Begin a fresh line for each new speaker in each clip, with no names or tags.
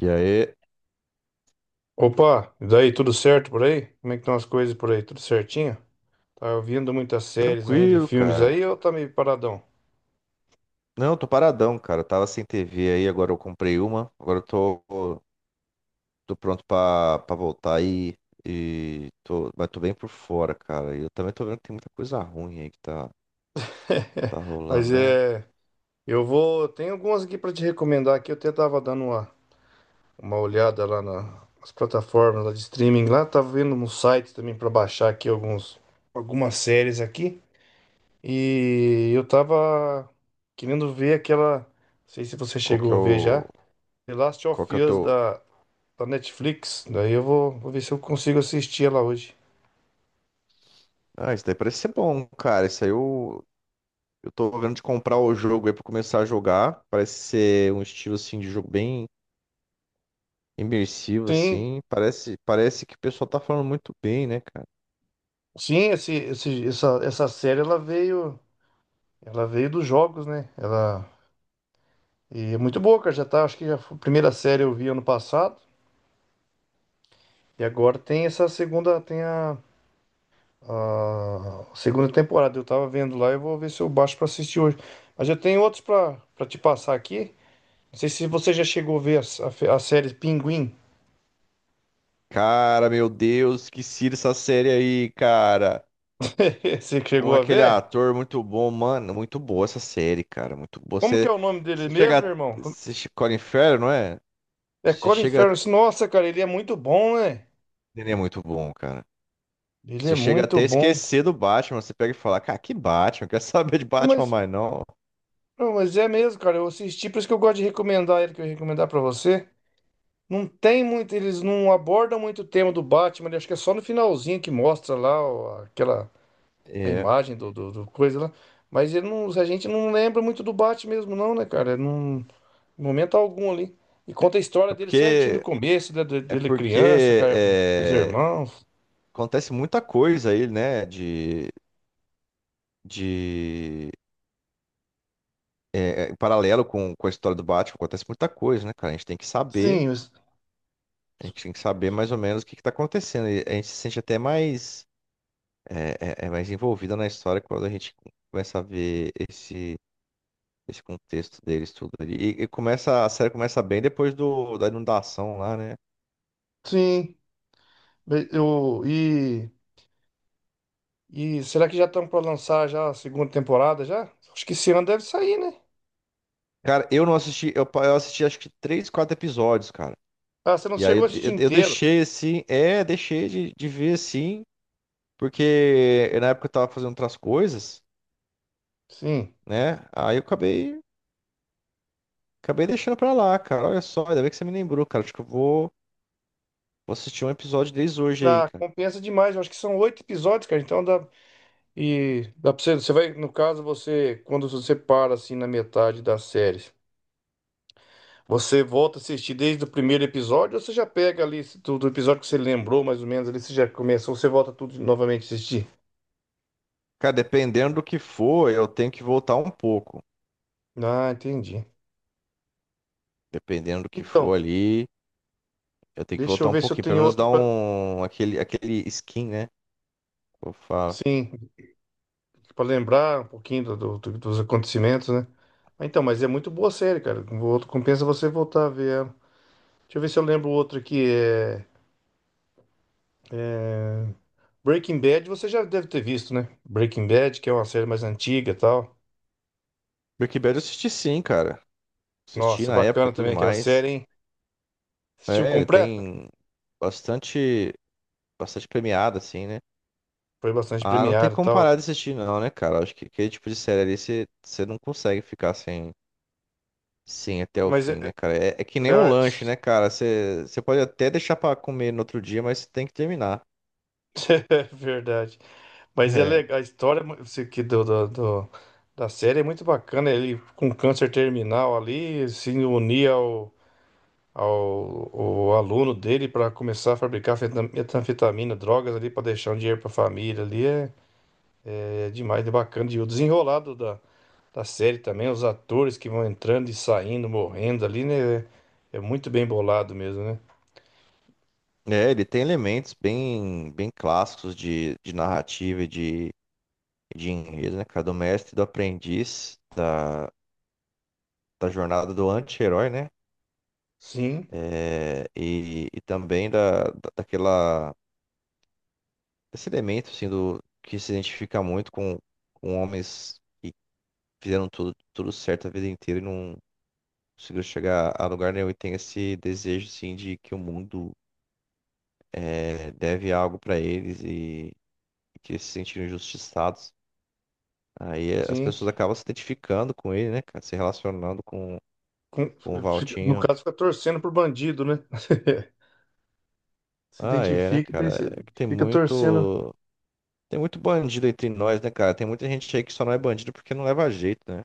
E aí,
Opa, e daí, tudo certo por aí? Como é que estão as coisas por aí? Tudo certinho? Tá ouvindo muitas séries ainda e
tranquilo,
filmes
cara.
aí ou tá meio paradão?
Não, tô paradão, cara. Tava sem TV aí, agora eu comprei uma. Agora eu tô, tô pronto pra voltar aí. E tô, mas tô bem por fora, cara. E eu também tô vendo que tem muita coisa ruim aí que tá, tá
Mas
rolando, né?
é, eu vou, tem algumas aqui pra te recomendar aqui, eu até tava dando uma olhada lá nas plataformas lá de streaming lá, tava vendo um site também pra baixar aqui alguns algumas séries aqui e eu tava querendo ver aquela, não sei se você
Qual que
chegou
é
a ver já,
o.
The Last
Qual que é
of
o
Us
teu.
da Netflix. Daí eu vou, vou ver se eu consigo assistir ela hoje.
Ah, isso daí parece ser bom, cara. Eu tô vendo de comprar o jogo aí pra começar a jogar. Parece ser um estilo assim de jogo bem imersivo,
Sim,
assim. Parece que o pessoal tá falando muito bem, né, cara?
sim, essa série ela veio dos jogos, né? Ela e é muito boa, cara. Já tá, acho que já foi a primeira série eu vi ano passado e agora tem essa segunda, tem a segunda temporada. Eu tava vendo lá e eu vou ver se eu baixo pra assistir hoje. Mas eu tenho outros pra para te passar aqui. Não sei se você já chegou a ver a série Pinguim.
Cara, meu Deus, que cira essa série aí, cara.
Você que
Com
chegou a
aquele
ver?
ator muito bom, mano. Muito boa essa série, cara. Muito boa.
Como que é
Você,
o nome dele
você
mesmo,
chega.
irmão?
Você, che- Colin Farrell, não é?
É
Você
Colin Farrell.
chega.
Nossa, cara, ele é muito bom, né?
Ele é muito bom, cara.
Ele é
Você chega
muito
até a
bom.
esquecer do Batman. Você pega e fala, cara, que Batman? Quer saber de
Não,
Batman
Mas,
mais não?
não, mas é mesmo, cara. Eu assisti, por isso que eu gosto de recomendar ele, que eu ia recomendar pra você. Não tem muito, eles não abordam muito o tema do Batman, né? Acho que é só no finalzinho que mostra lá ó, aquela a
É.
imagem do coisa lá. Mas ele não, a gente não lembra muito do Batman mesmo, não, né, cara? Não, em momento algum ali. E conta a história
É
dele certinho do
porque.
começo, né,
É
dele criança,
porque.
cara, os
é,
irmãos.
acontece muita coisa aí, né? De. De. Em paralelo com a história do Batman, acontece muita coisa, né, cara?
Sim, os-
A gente tem que saber mais ou menos o que que tá acontecendo. E a gente se sente até mais, é, é mais envolvida na história quando a gente começa a ver esse contexto deles tudo ali. E começa, a série começa bem depois do, da inundação lá, né?
sim. Be- e será que já estão para lançar já a segunda temporada já? Acho que esse ano deve sair, né?
Cara, eu não assisti, eu assisti acho que três, quatro episódios, cara.
Ah, você não
E aí
chegou a assistir
eu
inteiro.
deixei assim, é, deixei de ver assim, porque na época eu tava fazendo outras coisas,
Sim.
né? Aí eu acabei Acabei deixando pra lá, cara. Olha só, ainda bem que você me lembrou, cara. Acho que vou assistir um episódio desde hoje aí,
Ah,
cara.
compensa demais. Eu acho que são 8 episódios, cara. Então dá. E dá pra você, você vai, no caso, você, quando você para assim na metade da série, você volta a assistir desde o primeiro episódio, ou você já pega ali se tu- do episódio que você lembrou, mais ou menos, ali você já começou, você volta tudo novamente a assistir.
Cara, dependendo do que for, eu tenho que voltar um pouco.
Ah, entendi.
Dependendo do que
Então,
for ali, eu tenho que
deixa
voltar
eu
um
ver se eu
pouquinho. Pelo
tenho
menos
outro
dar
pra.
um. Aquele skin, né? Eu falo.
Sim. Pra lembrar um pouquinho dos acontecimentos, né? Ah, então, mas é muito boa a série, cara. Com- outro- Compensa você voltar a ver ela. Deixa eu ver se eu lembro outro aqui. Breaking Bad, você já deve ter visto, né? Breaking Bad, que é uma série mais antiga e tal.
Breaking Bad eu assisti sim, cara. Assisti
Nossa, é
na época e
bacana
tudo
também aquela série,
mais.
hein? Assistiu
É, ele
completa?
tem bastante. Bastante premiado, assim, né?
Foi bastante
Ah, não tem
premiada e
como
tal.
parar de assistir, não, né, cara? Acho que aquele tipo de série ali você não consegue ficar sem. Sim, até o
Mas
fim, né, cara? É, é que nem
é
um lanche, né, cara? Você pode até deixar pra comer no outro dia, mas você tem que terminar.
é verdade. Mas é
É,
legal. A história é mu- se- que da série é muito bacana. Ele com câncer terminal ali, se unir ao, o aluno dele para começar a fabricar feta- metanfetamina, drogas ali para deixar um dinheiro para a família ali é é demais, é bacana. E o desenrolado da, da série também, os atores que vão entrando e saindo, morrendo ali, né? É, é muito bem bolado mesmo, né?
ele tem elementos bem clássicos de narrativa e de enredo, né, cara? Do mestre, e do aprendiz, da jornada do anti-herói, né?
Sim,
É, e também daquela, desse elemento, assim, do, que se identifica muito com homens que fizeram tudo, tudo certo a vida inteira conseguiu chegar a lugar nenhum e tem esse desejo, assim, de que o mundo é, deve algo pra eles e que eles se sentiram injustiçados. Aí eh, as
sim.
pessoas acabam se identificando com ele, né, cara? Se relacionando
Com-
com o
no
Valtinho.
caso, fica torcendo pro bandido, né? Se
Ah, é, né,
identifica, daí
cara?
você
É que tem
fica torcendo.
muito. Tem muito bandido entre nós, né, cara? Tem muita gente aí que só não é bandido porque não leva jeito, né?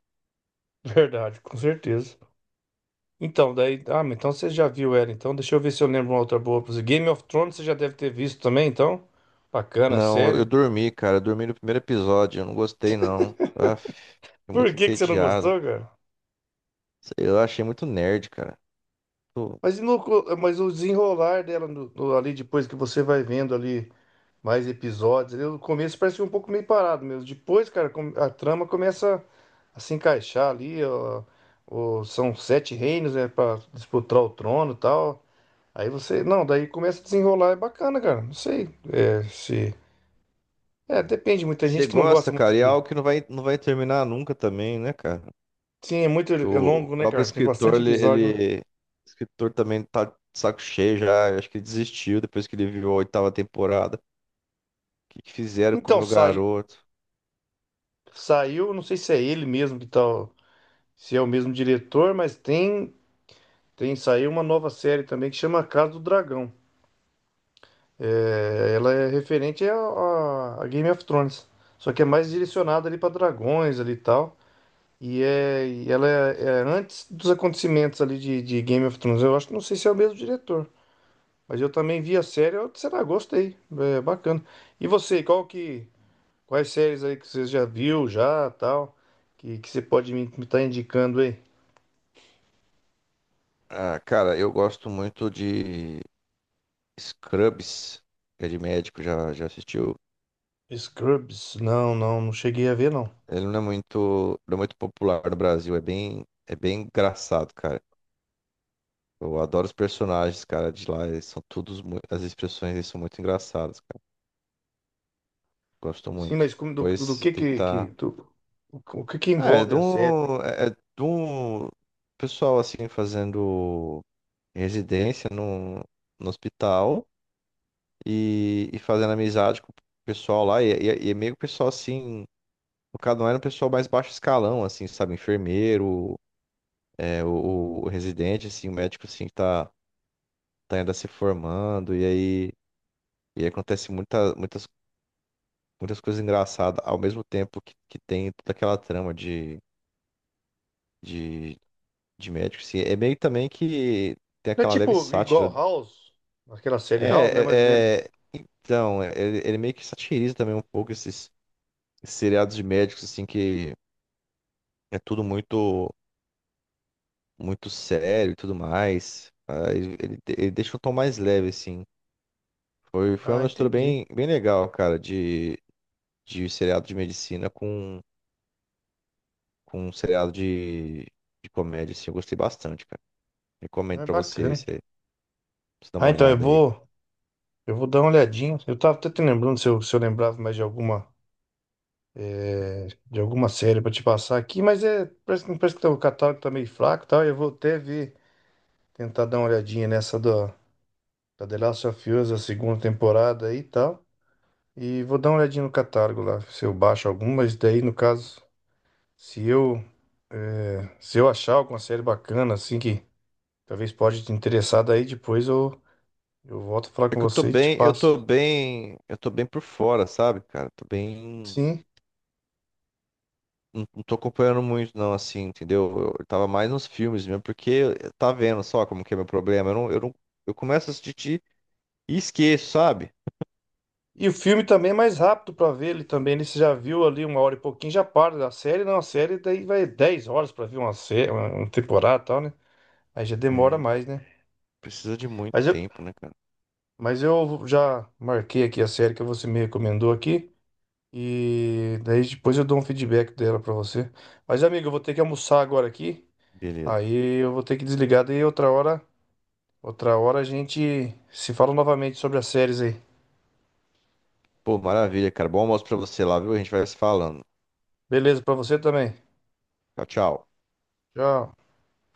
Verdade, com certeza. Então, daí. Ah, mas então você já viu ela. Então, deixa eu ver se eu lembro uma outra boa pra você. Game of Thrones você já deve ter visto também, então. Bacana a
Não, eu
série.
dormi, cara. Eu dormi no primeiro episódio. Eu não gostei, não. Ah, fiquei
Por
muito
que que você não
entediado.
gostou, cara?
Sei lá, eu achei muito nerd, cara.
Mas, e no co- mas o desenrolar dela ali, depois que você vai vendo ali mais episódios, ali, no começo parece um pouco meio parado mesmo. Depois, cara, com- a trama começa a se encaixar ali. Ó, ó, são 7 reinos, né, pra disputar o trono e tal. Aí você. Não, daí começa a desenrolar. É bacana, cara. Não sei é, se. É, depende, muita
Você
gente que não
gosta,
gosta muito
cara, e é
de.
algo que não vai terminar nunca também, né, cara?
Sim, é muito
Que
é
o
longo, né,
próprio
cara? Tem
escritor,
bastante episódio, né?
o escritor também tá de saco cheio já, eu acho que ele desistiu depois que ele viu a oitava temporada. O que que fizeram com o
Então,
meu
sai,
garoto?
saiu, não sei se é ele mesmo que tal, se é o mesmo diretor, mas tem, tem saiu uma nova série também que chama Casa do Dragão. É, ela é referente a, a Game of Thrones, só que é mais direcionada ali para dragões ali e tal. E, é, e ela é, é antes dos acontecimentos ali de Game of Thrones. Eu acho que não sei se é o mesmo diretor. Mas eu também vi a série, eu, sei gostei. É bacana. E você, qual que. Quais séries aí que você já viu, já, tal, que você pode me estar indicando aí?
Ah, cara, eu gosto muito de Scrubs, que é de médico, já assistiu.
Scrubs? Não, não, não cheguei a ver, não.
Ele não é muito popular no Brasil, é bem engraçado, cara. Eu adoro os personagens, cara, de lá, eles são todos, mui- as expressões, eles são muito engraçadas. Gosto
Sim,
muito.
mas como, do, do
Depois
que
tentar.
do- o que que envolve a série?
É é de um pessoal assim fazendo residência no, no hospital e fazendo amizade com o pessoal lá. E é meio que o pessoal assim. O cada um era um pessoal mais baixo escalão, assim, sabe? Enfermeiro, é, o residente, assim, o médico assim que tá, tá ainda se formando. E aí acontece muitas coisas engraçadas ao mesmo tempo que tem toda aquela trama de. De de médico, sim. É meio também que tem
É
aquela leve
tipo igual
sátira.
House, aquela série House, né? Mais ou menos.
É, é, é- ele meio que satiriza também um pouco esses seriados de médicos, assim, que é tudo muito, muito sério e tudo mais. Ah, ele deixa um tom mais leve, assim. Foi
Ah,
uma mistura
entendi.
bem, bem legal, cara, de seriado de medicina com um seriado de comédia, assim. Eu gostei bastante, cara. Recomendo
É
pra você aí,
bacana.
você dar
Ah,
uma
então
olhada aí.
eu vou dar uma olhadinha. Eu tava até te lembrando se eu, se eu lembrava mais de alguma de alguma série pra te passar aqui, mas é, parece que tá- o catálogo tá meio fraco e tal. Eu vou até ver, tentar dar uma olhadinha nessa do, da The Last of Us, a segunda temporada aí e tal. E vou dar uma olhadinha no catálogo lá, se eu baixo alguma, mas daí no caso, se eu, é, se eu achar alguma série bacana, assim, que talvez pode te interessar, daí depois eu volto a falar
É
com
que
você e te passo.
eu tô bem por fora, sabe, cara? Tô bem,
Sim.
não tô acompanhando muito não, assim, entendeu? Eu tava mais nos filmes mesmo, porque eu- tá vendo só como que é meu problema. Eu não, eu não, eu começo a assistir e esqueço, sabe?
E o filme também é mais rápido pra ver ele também. Ele você já viu ali uma hora e pouquinho, já para da série. Não, a série daí vai 10 horas pra ver uma série, uma temporada e tal, né? Aí já demora
É,
mais, né?
precisa de muito
Mas eu,
tempo, né, cara?
mas eu já marquei aqui a série que você me recomendou aqui. E daí depois eu dou um feedback dela pra você. Mas, amigo, eu vou ter que almoçar agora aqui.
Beleza.
Aí eu vou ter que desligar. Daí outra hora a gente se fala novamente sobre as séries aí.
Pô, maravilha, cara. Bom almoço pra você lá, viu? A gente vai se falando.
Beleza, pra você também.
Tchau, tchau.
Tchau.